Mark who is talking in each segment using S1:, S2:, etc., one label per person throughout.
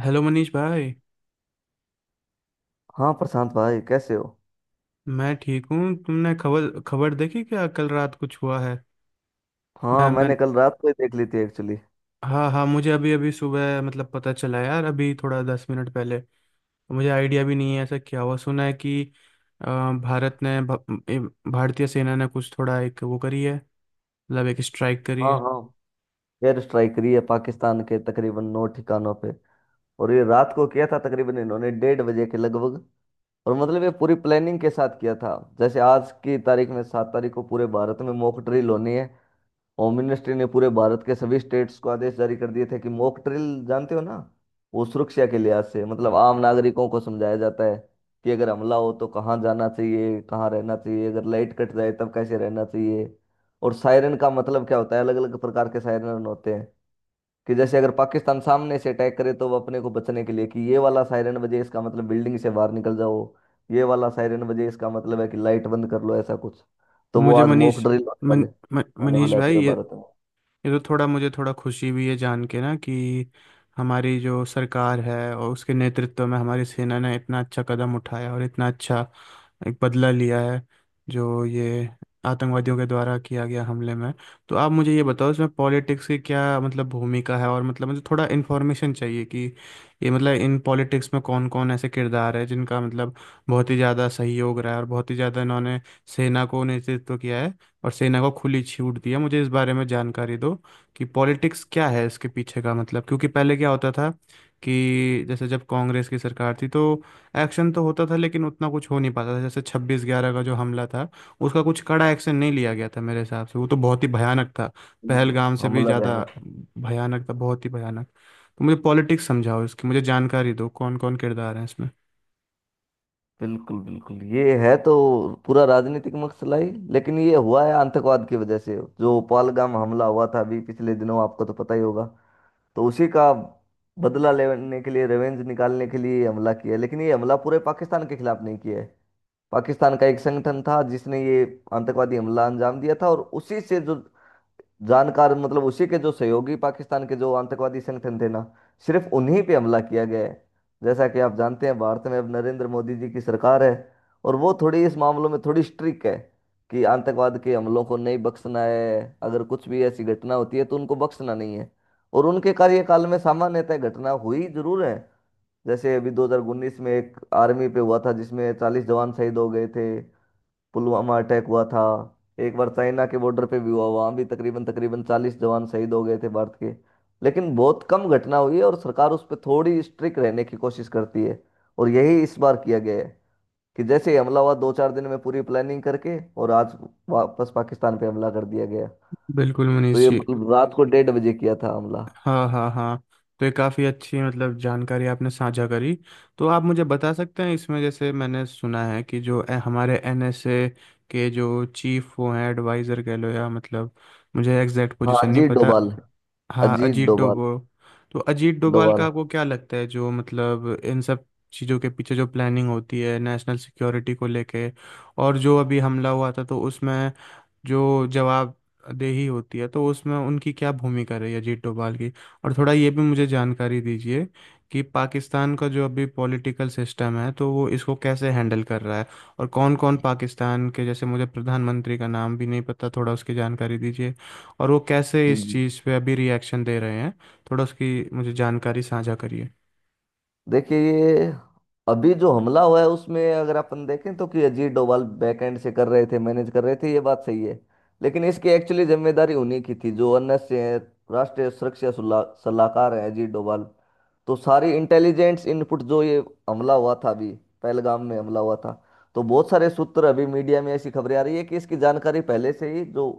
S1: Hello Manish भाई।
S2: हाँ प्रशांत भाई, कैसे हो।
S1: मैं ठीक हूँ। तुमने खबर खबर देखी क्या, कल रात कुछ हुआ है?
S2: हाँ,
S1: मैं
S2: मैंने कल रात को ही देख ली थी एक्चुअली।
S1: हाँ हाँ, मुझे अभी अभी सुबह मतलब पता चला यार, अभी थोड़ा 10 मिनट पहले। मुझे आइडिया भी नहीं है ऐसा क्या हुआ। सुना है कि अ, भारत ने भारतीय सेना ने कुछ थोड़ा एक वो करी है। मतलब एक स्ट्राइक करी
S2: हाँ
S1: है।
S2: हाँ, एयर स्ट्राइक करी है पाकिस्तान के तकरीबन 9 ठिकानों पे। और ये रात को किया था तकरीबन इन्होंने 1:30 बजे के लगभग। और मतलब ये पूरी प्लानिंग के साथ किया था। जैसे आज की तारीख में 7 तारीख को पूरे भारत में मॉक ड्रिल होनी है। होममिनिस्ट्री ने पूरे भारत के सभी स्टेट्स को आदेश जारी कर दिए थे कि मॉक ड्रिल, जानते हो ना। वो सुरक्षा के लिहाज से मतलब आम नागरिकों को समझाया जाता है कि अगर हमला हो तो कहाँ जाना चाहिए, कहाँ रहना चाहिए, अगर लाइट कट जाए तब कैसे रहना चाहिए। और सायरन का मतलब क्या होता है, अलग अलग प्रकार के सायरन होते हैं। कि जैसे अगर पाकिस्तान सामने से अटैक करे तो वो अपने को बचने के लिए कि ये वाला सायरन बजे इसका मतलब बिल्डिंग से बाहर निकल जाओ। ये वाला सायरन बजे इसका मतलब है कि लाइट बंद कर लो, ऐसा कुछ।
S1: तो
S2: तो वो
S1: मुझे
S2: आज मॉक
S1: मनीष
S2: ड्रिल होने
S1: मन,
S2: वाले,
S1: मन,
S2: होने
S1: मनीष
S2: वाला है
S1: भाई,
S2: पूरे भारत में।
S1: ये तो थोड़ा मुझे थोड़ा खुशी भी है जान के ना कि हमारी जो सरकार है और उसके नेतृत्व में हमारी सेना ने इतना अच्छा कदम उठाया, और इतना अच्छा एक बदला लिया है, जो ये आतंकवादियों के द्वारा किया गया हमले में। तो आप मुझे ये बताओ, इसमें पॉलिटिक्स की क्या मतलब भूमिका है, और मतलब मुझे थोड़ा इन्फॉर्मेशन चाहिए कि ये मतलब इन पॉलिटिक्स में कौन कौन ऐसे किरदार है जिनका मतलब बहुत ही ज़्यादा सहयोग रहा है और बहुत ही ज़्यादा इन्होंने सेना को नेतृत्व किया है और सेना को खुली छूट दी है। मुझे इस बारे में जानकारी दो कि पॉलिटिक्स क्या है इसके पीछे का मतलब, क्योंकि पहले क्या होता था कि जैसे जब कांग्रेस की सरकार थी तो एक्शन तो होता था, लेकिन उतना कुछ हो नहीं पाता था। जैसे 26/11 का जो हमला था उसका कुछ कड़ा एक्शन नहीं लिया गया था मेरे हिसाब से, वो तो बहुत ही भयानक था,
S2: बिल्कुल।
S1: पहलगाम से भी
S2: हमला
S1: ज़्यादा
S2: बयान था।
S1: भयानक था, बहुत ही भयानक। तो मुझे पॉलिटिक्स समझाओ, इसकी मुझे जानकारी दो, कौन कौन किरदार हैं इसमें।
S2: बिल्कुल बिल्कुल, ये है तो पूरा राजनीतिक मसला ही। लेकिन ये हुआ है आतंकवाद की वजह से। जो पहलगाम हमला हुआ था अभी पिछले दिनों, आपको तो पता ही होगा। तो उसी का बदला लेने के लिए, रिवेंज निकालने के लिए ये हमला किया है। लेकिन ये हमला पूरे पाकिस्तान के खिलाफ नहीं किया है। पाकिस्तान का एक संगठन था जिसने ये आतंकवादी हमला अंजाम दिया था, और उसी से जो जानकार मतलब उसी के जो सहयोगी पाकिस्तान के जो आतंकवादी संगठन थे ना, सिर्फ उन्हीं पे हमला किया गया है। जैसा कि आप जानते हैं, भारत में अब नरेंद्र मोदी जी की सरकार है और वो थोड़ी इस मामलों में थोड़ी स्ट्रिक्ट है कि आतंकवाद के हमलों को नहीं बख्शना है। अगर कुछ भी ऐसी घटना होती है तो उनको बख्शना नहीं है। और उनके कार्यकाल में सामान्यतः घटना हुई जरूर है। जैसे अभी 2019 में एक आर्मी पे हुआ था जिसमें 40 जवान शहीद हो गए थे। पुलवामा अटैक हुआ था। एक बार चाइना के बॉर्डर पे भी हुआ, वहाँ भी तकरीबन तकरीबन 40 जवान शहीद हो गए थे भारत के। लेकिन बहुत कम घटना हुई है और सरकार उस पर थोड़ी स्ट्रिक्ट रहने की कोशिश करती है। और यही इस बार किया गया है कि जैसे ही हमला हुआ, दो चार दिन में पूरी प्लानिंग करके और आज वापस पाकिस्तान पे हमला कर दिया गया।
S1: बिल्कुल
S2: तो
S1: मनीष
S2: ये
S1: जी।
S2: मतलब रात को 1:30 बजे किया था हमला।
S1: हाँ हाँ हाँ, तो ये काफ़ी अच्छी मतलब जानकारी आपने साझा करी। तो आप मुझे बता सकते हैं, इसमें जैसे मैंने सुना है कि जो हमारे एनएसए के जो चीफ वो हैं, एडवाइज़र कह लो या मतलब, मुझे एग्जैक्ट
S2: हाँ,
S1: पोजीशन नहीं पता। हाँ
S2: अजीत
S1: अजीत
S2: डोभाल
S1: डोबो। तो अजीत डोभाल का
S2: डोभाल
S1: आपको क्या लगता है, जो मतलब इन सब चीज़ों के पीछे जो प्लानिंग होती है नेशनल सिक्योरिटी को लेके, और जो अभी हमला हुआ था तो उसमें जो जवाबदेही होती है तो उसमें उनकी क्या भूमिका रही है अजीत डोभाल की? और थोड़ा ये भी मुझे जानकारी दीजिए कि पाकिस्तान का जो अभी पॉलिटिकल सिस्टम है तो वो इसको कैसे हैंडल कर रहा है, और कौन कौन पाकिस्तान के, जैसे मुझे प्रधानमंत्री का नाम भी नहीं पता, थोड़ा उसकी जानकारी दीजिए, और वो कैसे
S2: जी
S1: इस
S2: जी।
S1: चीज़ पे अभी रिएक्शन दे रहे हैं। थोड़ा उसकी मुझे जानकारी साझा करिए।
S2: देखिए, ये अभी जो हमला हुआ है उसमें अगर अपन देखें तो कि अजीत डोभाल बैकएंड से कर रहे थे, मैनेज कर रहे थे, ये बात सही है। लेकिन इसकी एक्चुअली जिम्मेदारी उन्हीं की थी, जो अन्य से हैं, राष्ट्रीय सुरक्षा सलाहकार हैं अजीत डोभाल। तो सारी इंटेलिजेंस इनपुट, जो ये हमला हुआ था अभी पहलगाम में हमला हुआ था, तो बहुत सारे सूत्र अभी मीडिया में ऐसी खबरें आ रही है कि इसकी जानकारी पहले से ही जो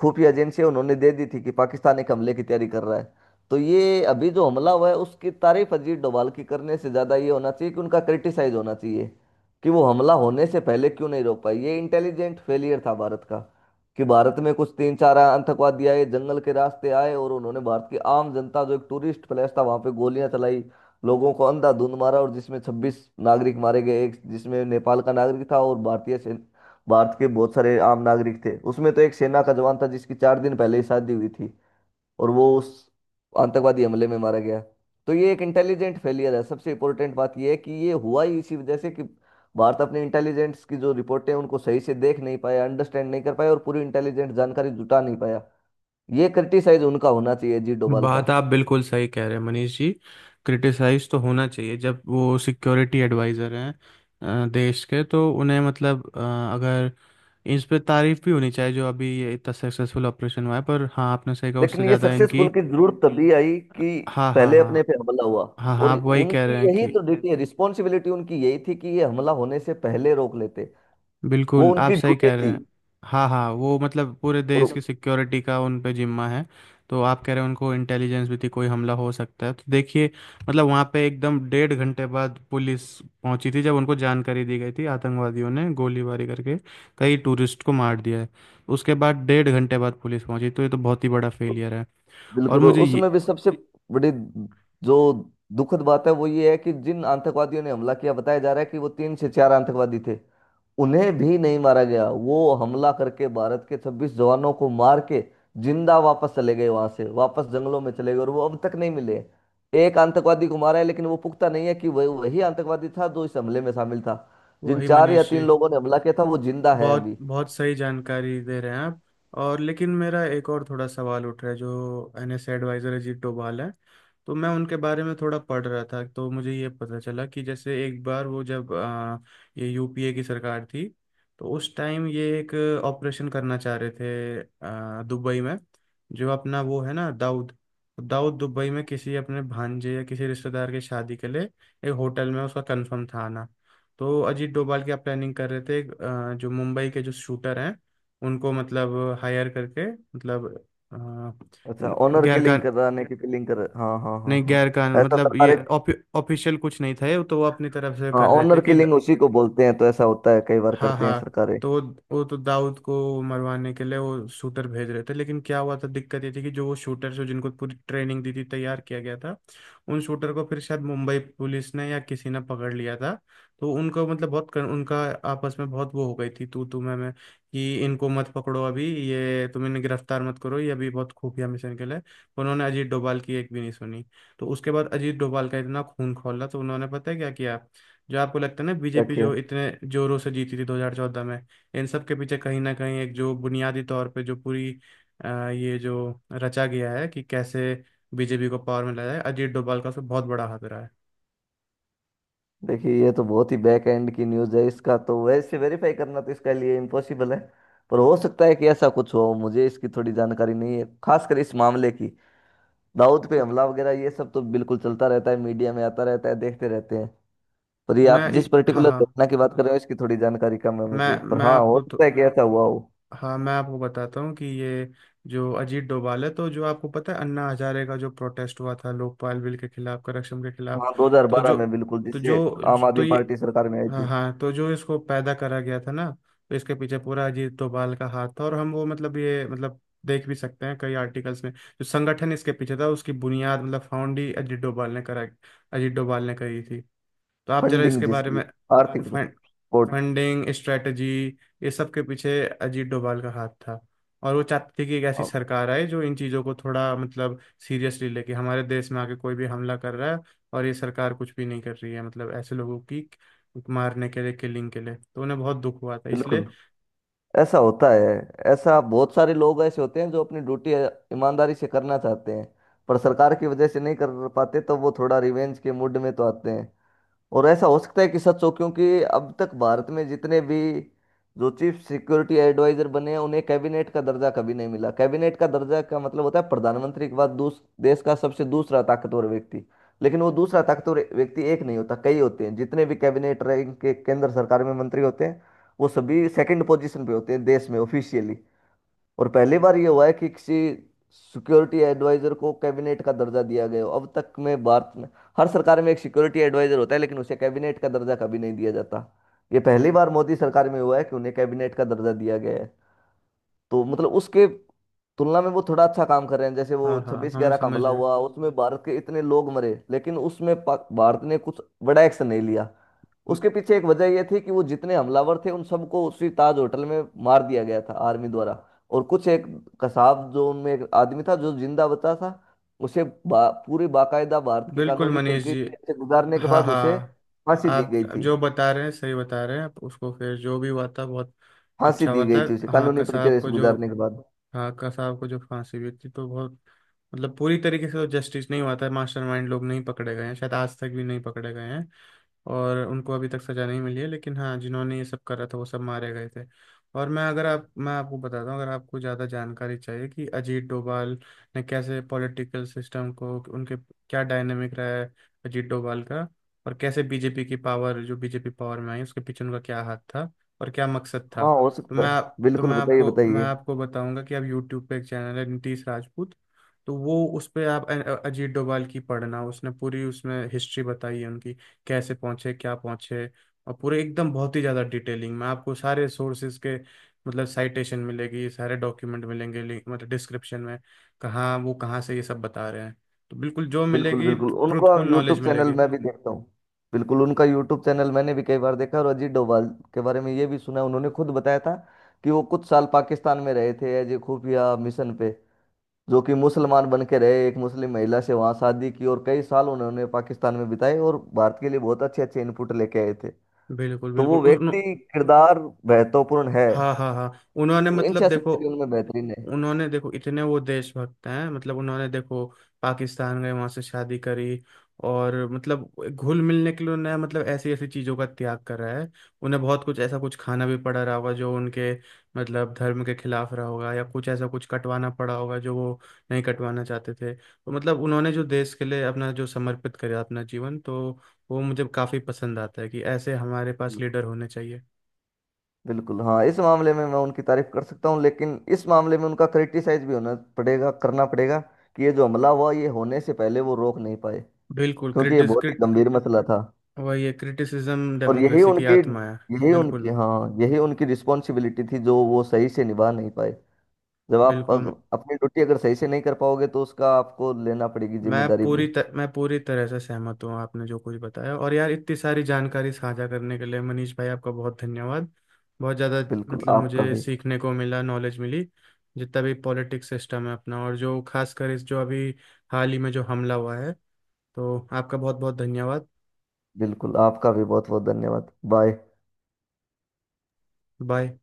S2: खुफिया एजेंसियां, उन्होंने दे दी थी कि पाकिस्तान एक हमले की तैयारी कर रहा है। तो ये अभी जो हमला हुआ है, उसकी तारीफ अजीत डोभाल की करने से ज़्यादा ये होना चाहिए कि उनका क्रिटिसाइज होना चाहिए कि वो हमला होने से पहले क्यों नहीं रोक पाए। ये इंटेलिजेंट फेलियर था भारत का। कि भारत में कुछ तीन चार आतंकवादी आए, जंगल के रास्ते आए, और उन्होंने भारत की आम जनता, जो एक टूरिस्ट प्लेस था वहां पे, गोलियां चलाई, लोगों को अंधाधुंध मारा, और जिसमें 26 नागरिक मारे गए। एक जिसमें नेपाल का नागरिक था, और भारतीय भारत के बहुत सारे आम नागरिक थे उसमें। तो एक सेना का जवान था जिसकी चार दिन पहले ही शादी हुई थी और वो उस आतंकवादी हमले में मारा गया। तो ये एक इंटेलिजेंट फेलियर है। सबसे इंपॉर्टेंट बात ये है कि ये हुआ ही इसी वजह से कि भारत अपने इंटेलिजेंस की जो रिपोर्टें हैं, उनको सही से देख नहीं पाया, अंडरस्टैंड नहीं कर पाया, और पूरी इंटेलिजेंट जानकारी जुटा नहीं पाया। ये क्रिटिसाइज उनका होना चाहिए जी, डोभाल
S1: बात
S2: का।
S1: आप बिल्कुल सही कह रहे हैं मनीष जी। क्रिटिसाइज तो होना चाहिए, जब वो सिक्योरिटी एडवाइज़र हैं देश के, तो उन्हें मतलब अगर इस पे तारीफ भी होनी चाहिए जो अभी ये इतना सक्सेसफुल ऑपरेशन हुआ है, पर हाँ आपने सही कहा, उससे
S2: लेकिन ये
S1: ज़्यादा इनकी।
S2: सक्सेसफुल की जरूरत तभी आई कि
S1: हाँ हाँ
S2: पहले
S1: हाँ
S2: अपने पे हमला हुआ।
S1: हाँ। हाँ,
S2: और
S1: आप वही कह
S2: उनकी
S1: रहे हैं
S2: यही
S1: कि
S2: तो ड्यूटी है, रिस्पॉन्सिबिलिटी उनकी यही थी कि ये हमला होने से पहले रोक लेते। वो
S1: बिल्कुल आप
S2: उनकी
S1: सही
S2: ड्यूटी
S1: कह रहे
S2: थी।
S1: हैं। हाँ हाँ, वो मतलब पूरे देश
S2: और
S1: की सिक्योरिटी का उन पे जिम्मा है। तो आप कह रहे हैं उनको इंटेलिजेंस भी थी, कोई हमला हो सकता है, तो देखिए मतलब वहाँ पे एकदम डेढ़ घंटे बाद पुलिस पहुंची थी, जब उनको जानकारी दी गई थी आतंकवादियों ने गोलीबारी करके कई टूरिस्ट को मार दिया है। उसके बाद डेढ़ घंटे बाद पुलिस पहुंची, तो ये तो बहुत ही बड़ा फेलियर है। और
S2: बिल्कुल, और
S1: मुझे ये
S2: उसमें भी सबसे बड़ी जो दुखद बात है वो ये है कि जिन आतंकवादियों ने हमला किया, बताया जा रहा है कि वो तीन से चार आतंकवादी थे, उन्हें भी नहीं मारा गया। वो हमला करके भारत के 26 जवानों को मार के जिंदा वापस चले गए, वहां से वापस जंगलों में चले गए, और वो अब तक नहीं मिले। एक आतंकवादी को मारा है, लेकिन वो पुख्ता नहीं है कि वह वही आतंकवादी था जो इस हमले में शामिल था। जिन
S1: वही
S2: चार या
S1: मनीष
S2: तीन
S1: जी,
S2: लोगों ने हमला किया था वो जिंदा है
S1: बहुत
S2: अभी।
S1: बहुत सही जानकारी दे रहे हैं आप। और लेकिन मेरा एक और थोड़ा सवाल उठ रहा है, जो एनएस एडवाइजर अजीत डोभाल है तो मैं उनके बारे में थोड़ा पढ़ रहा था, तो मुझे ये पता चला कि जैसे एक बार वो जब ये यूपीए की सरकार थी तो उस टाइम ये एक ऑपरेशन करना चाह रहे थे दुबई में, जो अपना वो है ना, दाऊद। तो दाऊद दुबई में किसी अपने भांजे या किसी रिश्तेदार की शादी के लिए एक होटल में उसका कंफर्म था आना। तो अजीत डोभाल की आप प्लानिंग कर रहे थे जो मुंबई के जो शूटर हैं उनको मतलब हायर करके मतलब,
S2: अच्छा, ऑनर
S1: गैर
S2: किलिंग
S1: कान,
S2: कराने की, किलिंग कर। हाँ हाँ हाँ
S1: नहीं
S2: हाँ।
S1: गैर कान
S2: ऐसा
S1: मतलब ये
S2: सरकारें।
S1: ऑफिशियल कुछ नहीं था, ये तो वो अपनी तरफ से
S2: हाँ,
S1: कर रहे थे
S2: ऑनर
S1: कि
S2: किलिंग उसी को बोलते हैं। तो ऐसा होता है, कई बार
S1: हाँ
S2: करते हैं
S1: हाँ।
S2: सरकारें।
S1: तो वो तो दाऊद को मरवाने के लिए वो शूटर भेज रहे थे, लेकिन क्या हुआ था, दिक्कत ये थी कि जो वो शूटर, जो जिनको पूरी ट्रेनिंग दी थी तैयार किया गया था, उन शूटर को फिर शायद मुंबई पुलिस ने या किसी ने पकड़ लिया था। तो उनको मतलब उनका आपस में बहुत वो हो गई थी तू तू मैं, कि इनको मत पकड़ो अभी, ये तुम इन्हें गिरफ्तार मत करो, ये अभी बहुत खुफिया मिशन के लिए। उन्होंने अजीत डोभाल की एक भी नहीं सुनी। तो उसके बाद अजीत डोभाल का इतना खून खौला, तो उन्होंने, पता है क्या किया, जो आपको लगता है ना
S2: क्या
S1: बीजेपी
S2: किया।
S1: जो इतने जोरों से जीती थी 2014 में, इन सब के पीछे कहीं ना कहीं एक जो बुनियादी तौर पे जो पूरी ये जो रचा गया है कि कैसे बीजेपी को पावर में लाया जाए, अजीत डोभाल का उसमें बहुत बड़ा हाथ रहा है।
S2: देखिए, ये तो बहुत ही बैक एंड की न्यूज़ है। इसका तो वैसे वेरीफाई करना तो इसके लिए इम्पॉसिबल है। पर हो सकता है कि ऐसा कुछ हो, मुझे इसकी थोड़ी जानकारी नहीं है खासकर इस मामले की। दाऊद पे
S1: तो
S2: हमला वगैरह ये सब तो बिल्कुल चलता रहता है, मीडिया में आता रहता है, देखते रहते हैं। पर ये आप जिस
S1: हाँ
S2: पर्टिकुलर
S1: हाँ,
S2: घटना की बात कर रहे हो, इसकी थोड़ी जानकारी कम है मुझे, पर
S1: मैं
S2: हाँ, हो
S1: आपको
S2: सकता
S1: तो
S2: है कि ऐसा हुआ हो।
S1: हाँ, मैं आपको बताता हूँ कि ये जो अजीत डोभाल है, तो जो आपको पता है अन्ना हजारे का जो प्रोटेस्ट हुआ था लोकपाल बिल के खिलाफ करप्शन के खिलाफ,
S2: हाँ,
S1: तो
S2: 2012
S1: जो
S2: में बिल्कुल,
S1: तो
S2: जिससे
S1: जो
S2: आम
S1: तो
S2: आदमी
S1: ये
S2: पार्टी सरकार में आई
S1: हाँ
S2: थी।
S1: हाँ, तो जो इसको पैदा करा गया था ना, तो इसके पीछे पूरा अजीत डोभाल का हाथ था। और हम वो मतलब ये मतलब देख भी सकते हैं कई आर्टिकल्स में, जो संगठन इसके पीछे था उसकी बुनियाद मतलब फाउंड ही अजीत डोभाल ने करा, अजीत डोभाल ने करी थी। तो आप जरा
S2: फंडिंग
S1: इसके बारे
S2: जिसकी,
S1: में,
S2: आर्थिक सपोर्ट।
S1: फंडिंग स्ट्रेटजी, ये सब के पीछे अजीत डोभाल का हाथ था। और वो चाहते थे कि एक ऐसी
S2: हाँ,
S1: सरकार आए जो इन चीज़ों को थोड़ा मतलब सीरियसली लेके, हमारे देश में आके कोई भी हमला कर रहा है और ये सरकार कुछ भी नहीं कर रही है, मतलब ऐसे लोगों की मारने के लिए, किलिंग के लिए, तो उन्हें बहुत दुख हुआ था इसलिए।
S2: बिल्कुल, ऐसा होता है। ऐसा बहुत सारे लोग ऐसे होते हैं जो अपनी ड्यूटी ईमानदारी से करना चाहते हैं, पर सरकार की वजह से नहीं कर पाते तो वो थोड़ा रिवेंज के मूड में तो आते हैं। और ऐसा हो सकता है कि सच हो, क्योंकि अब तक भारत में जितने भी जो चीफ सिक्योरिटी एडवाइजर बने हैं, उन्हें कैबिनेट का दर्जा कभी नहीं मिला। कैबिनेट का दर्जा का मतलब होता है प्रधानमंत्री के बाद दूस देश का सबसे दूसरा ताकतवर व्यक्ति। लेकिन वो दूसरा ताकतवर व्यक्ति एक नहीं होता, कई होते हैं। जितने भी कैबिनेट रैंक के केंद्र सरकार में मंत्री होते हैं, वो सभी सेकंड पोजीशन पे होते हैं देश में ऑफिशियली। और पहली बार ये हुआ है कि किसी सिक्योरिटी एडवाइजर को कैबिनेट का दर्जा दिया गया हो अब तक में भारत में। हर सरकार में एक सिक्योरिटी एडवाइजर होता है, लेकिन उसे कैबिनेट का दर्जा कभी नहीं दिया जाता। ये पहली बार मोदी सरकार में हुआ है कि उन्हें कैबिनेट का दर्जा दिया गया है। तो मतलब उसके तुलना में वो थोड़ा अच्छा काम कर रहे हैं। जैसे वो
S1: हाँ हाँ
S2: छब्बीस
S1: हम
S2: ग्यारह का
S1: समझ
S2: हमला
S1: रहे।
S2: हुआ उसमें भारत के इतने लोग मरे, लेकिन उसमें भारत ने कुछ बड़ा एक्शन नहीं लिया। उसके पीछे एक वजह यह थी कि वो जितने हमलावर थे उन सबको उसी ताज होटल में मार दिया गया था आर्मी द्वारा। और कुछ एक कसाब जो उनमें एक आदमी था जो जिंदा बचा था, उसे पूरी बाकायदा भारत की
S1: बिल्कुल
S2: कानूनी
S1: मनीष जी।
S2: प्रक्रिया से गुजारने के
S1: हाँ
S2: बाद उसे
S1: हाँ,
S2: फांसी दी
S1: आप
S2: गई थी।
S1: जो बता रहे हैं सही बता रहे हैं आप, उसको फिर जो भी हुआ था बहुत
S2: फांसी
S1: अच्छा
S2: दी
S1: हुआ
S2: गई
S1: था।
S2: थी उसे
S1: हाँ
S2: कानूनी प्रक्रिया
S1: कसाब
S2: से
S1: को जो
S2: गुजारने के बाद।
S1: हाँ कसाब को जो फांसी हुई थी तो बहुत मतलब पूरी तरीके से तो जस्टिस नहीं हुआ था, मास्टरमाइंड लोग नहीं पकड़े गए हैं, शायद आज तक भी नहीं पकड़े गए हैं और उनको अभी तक सजा नहीं मिली है, लेकिन हाँ जिन्होंने ये सब करा था वो सब मारे गए थे। और मैं, अगर आप, मैं आपको बताता हूँ अगर आपको ज़्यादा जानकारी चाहिए कि अजीत डोभाल ने कैसे पॉलिटिकल सिस्टम को, उनके क्या डायनेमिक रहा है अजीत डोभाल का, और कैसे बीजेपी की पावर जो बीजेपी पावर में आई उसके पीछे उनका क्या हाथ था और क्या मकसद था।
S2: हाँ, हो
S1: तो
S2: सकता
S1: मैं
S2: है।
S1: आप
S2: बिल्कुल, बताइए
S1: मैं
S2: बताइए।
S1: आपको बताऊंगा कि आप यूट्यूब पे, एक चैनल है नीतीश राजपूत, तो वो उस पे आप अजीत डोभाल की पढ़ना, उसने पूरी उसमें हिस्ट्री बताई है उनकी, कैसे पहुंचे क्या पहुंचे, और पूरे एकदम बहुत ही ज़्यादा डिटेलिंग में आपको सारे सोर्सेज के मतलब साइटेशन मिलेगी, सारे डॉक्यूमेंट मिलेंगे, मतलब डिस्क्रिप्शन में कहाँ वो कहाँ से ये सब बता रहे हैं। तो बिल्कुल जो
S2: बिल्कुल
S1: मिलेगी
S2: बिल्कुल, हम्म, उनको
S1: ट्रूथफुल नॉलेज
S2: यूट्यूब चैनल
S1: मिलेगी।
S2: मैं भी देखता हूँ। बिल्कुल, उनका यूट्यूब चैनल मैंने भी कई बार देखा। और अजीत डोभाल के बारे में ये भी सुना है, उन्होंने खुद बताया था कि वो कुछ साल पाकिस्तान में रहे थे एज ए खुफिया मिशन पे। जो कि मुसलमान बन के रहे, एक मुस्लिम महिला से वहाँ शादी की, और कई साल उन्होंने पाकिस्तान में बिताए और भारत के लिए बहुत अच्छे अच्छे इनपुट लेके आए थे।
S1: बिल्कुल
S2: तो
S1: बिल्कुल,
S2: वो व्यक्ति, किरदार महत्वपूर्ण है।
S1: हाँ हाँ हाँ। उन्होंने
S2: और
S1: मतलब
S2: इच्छा
S1: देखो
S2: शक्ति भी उनमें बेहतरीन है।
S1: उन्होंने देखो इतने वो देशभक्त हैं, मतलब उन्होंने देखो पाकिस्तान गए, वहां से शादी करी, और मतलब घुल मिलने के लिए उन्हें मतलब ऐसी ऐसी चीजों का त्याग कर रहा है। उन्हें बहुत कुछ ऐसा कुछ खाना भी पड़ा रहा होगा जो उनके मतलब धर्म के खिलाफ रहा होगा, या कुछ ऐसा कुछ कटवाना पड़ा होगा जो वो नहीं कटवाना चाहते थे। तो मतलब उन्होंने जो देश के लिए अपना जो समर्पित करा अपना जीवन, तो वो मुझे काफी पसंद आता है कि ऐसे हमारे पास
S2: बिल्कुल।
S1: लीडर होने चाहिए।
S2: बिल्कुल हाँ, इस मामले में मैं उनकी तारीफ कर सकता हूँ, लेकिन इस मामले में उनका क्रिटिसाइज भी होना पड़ेगा, करना पड़ेगा कि ये जो हमला हुआ ये होने से पहले वो रोक नहीं पाए,
S1: बिल्कुल
S2: क्योंकि ये
S1: क्रिटिस
S2: बहुत ही गंभीर मसला था।
S1: वही है, क्रिटिसिज्म
S2: और यही
S1: डेमोक्रेसी की
S2: उनकी
S1: आत्मा है।
S2: यही
S1: बिल्कुल
S2: उनकी
S1: भी
S2: हाँ यही उनकी रिस्पॉन्सिबिलिटी थी जो वो सही से निभा नहीं पाए। जब आप
S1: बिल्कुल।
S2: अपनी ड्यूटी अगर सही से नहीं कर पाओगे तो उसका आपको लेना पड़ेगी जिम्मेदारी भी।
S1: मैं पूरी तरह से सहमत हूँ, आपने जो कुछ बताया। और यार, इतनी सारी जानकारी साझा करने के लिए मनीष भाई आपका बहुत धन्यवाद, बहुत ज़्यादा।
S2: बिल्कुल
S1: मतलब
S2: आपका
S1: मुझे
S2: भी।
S1: सीखने को मिला, नॉलेज मिली, जितना भी पॉलिटिक्स सिस्टम है अपना, और जो खासकर इस जो अभी हाल ही में जो हमला हुआ है, तो आपका बहुत बहुत धन्यवाद।
S2: बिल्कुल आपका भी बहुत बहुत धन्यवाद। बाय।
S1: बाय।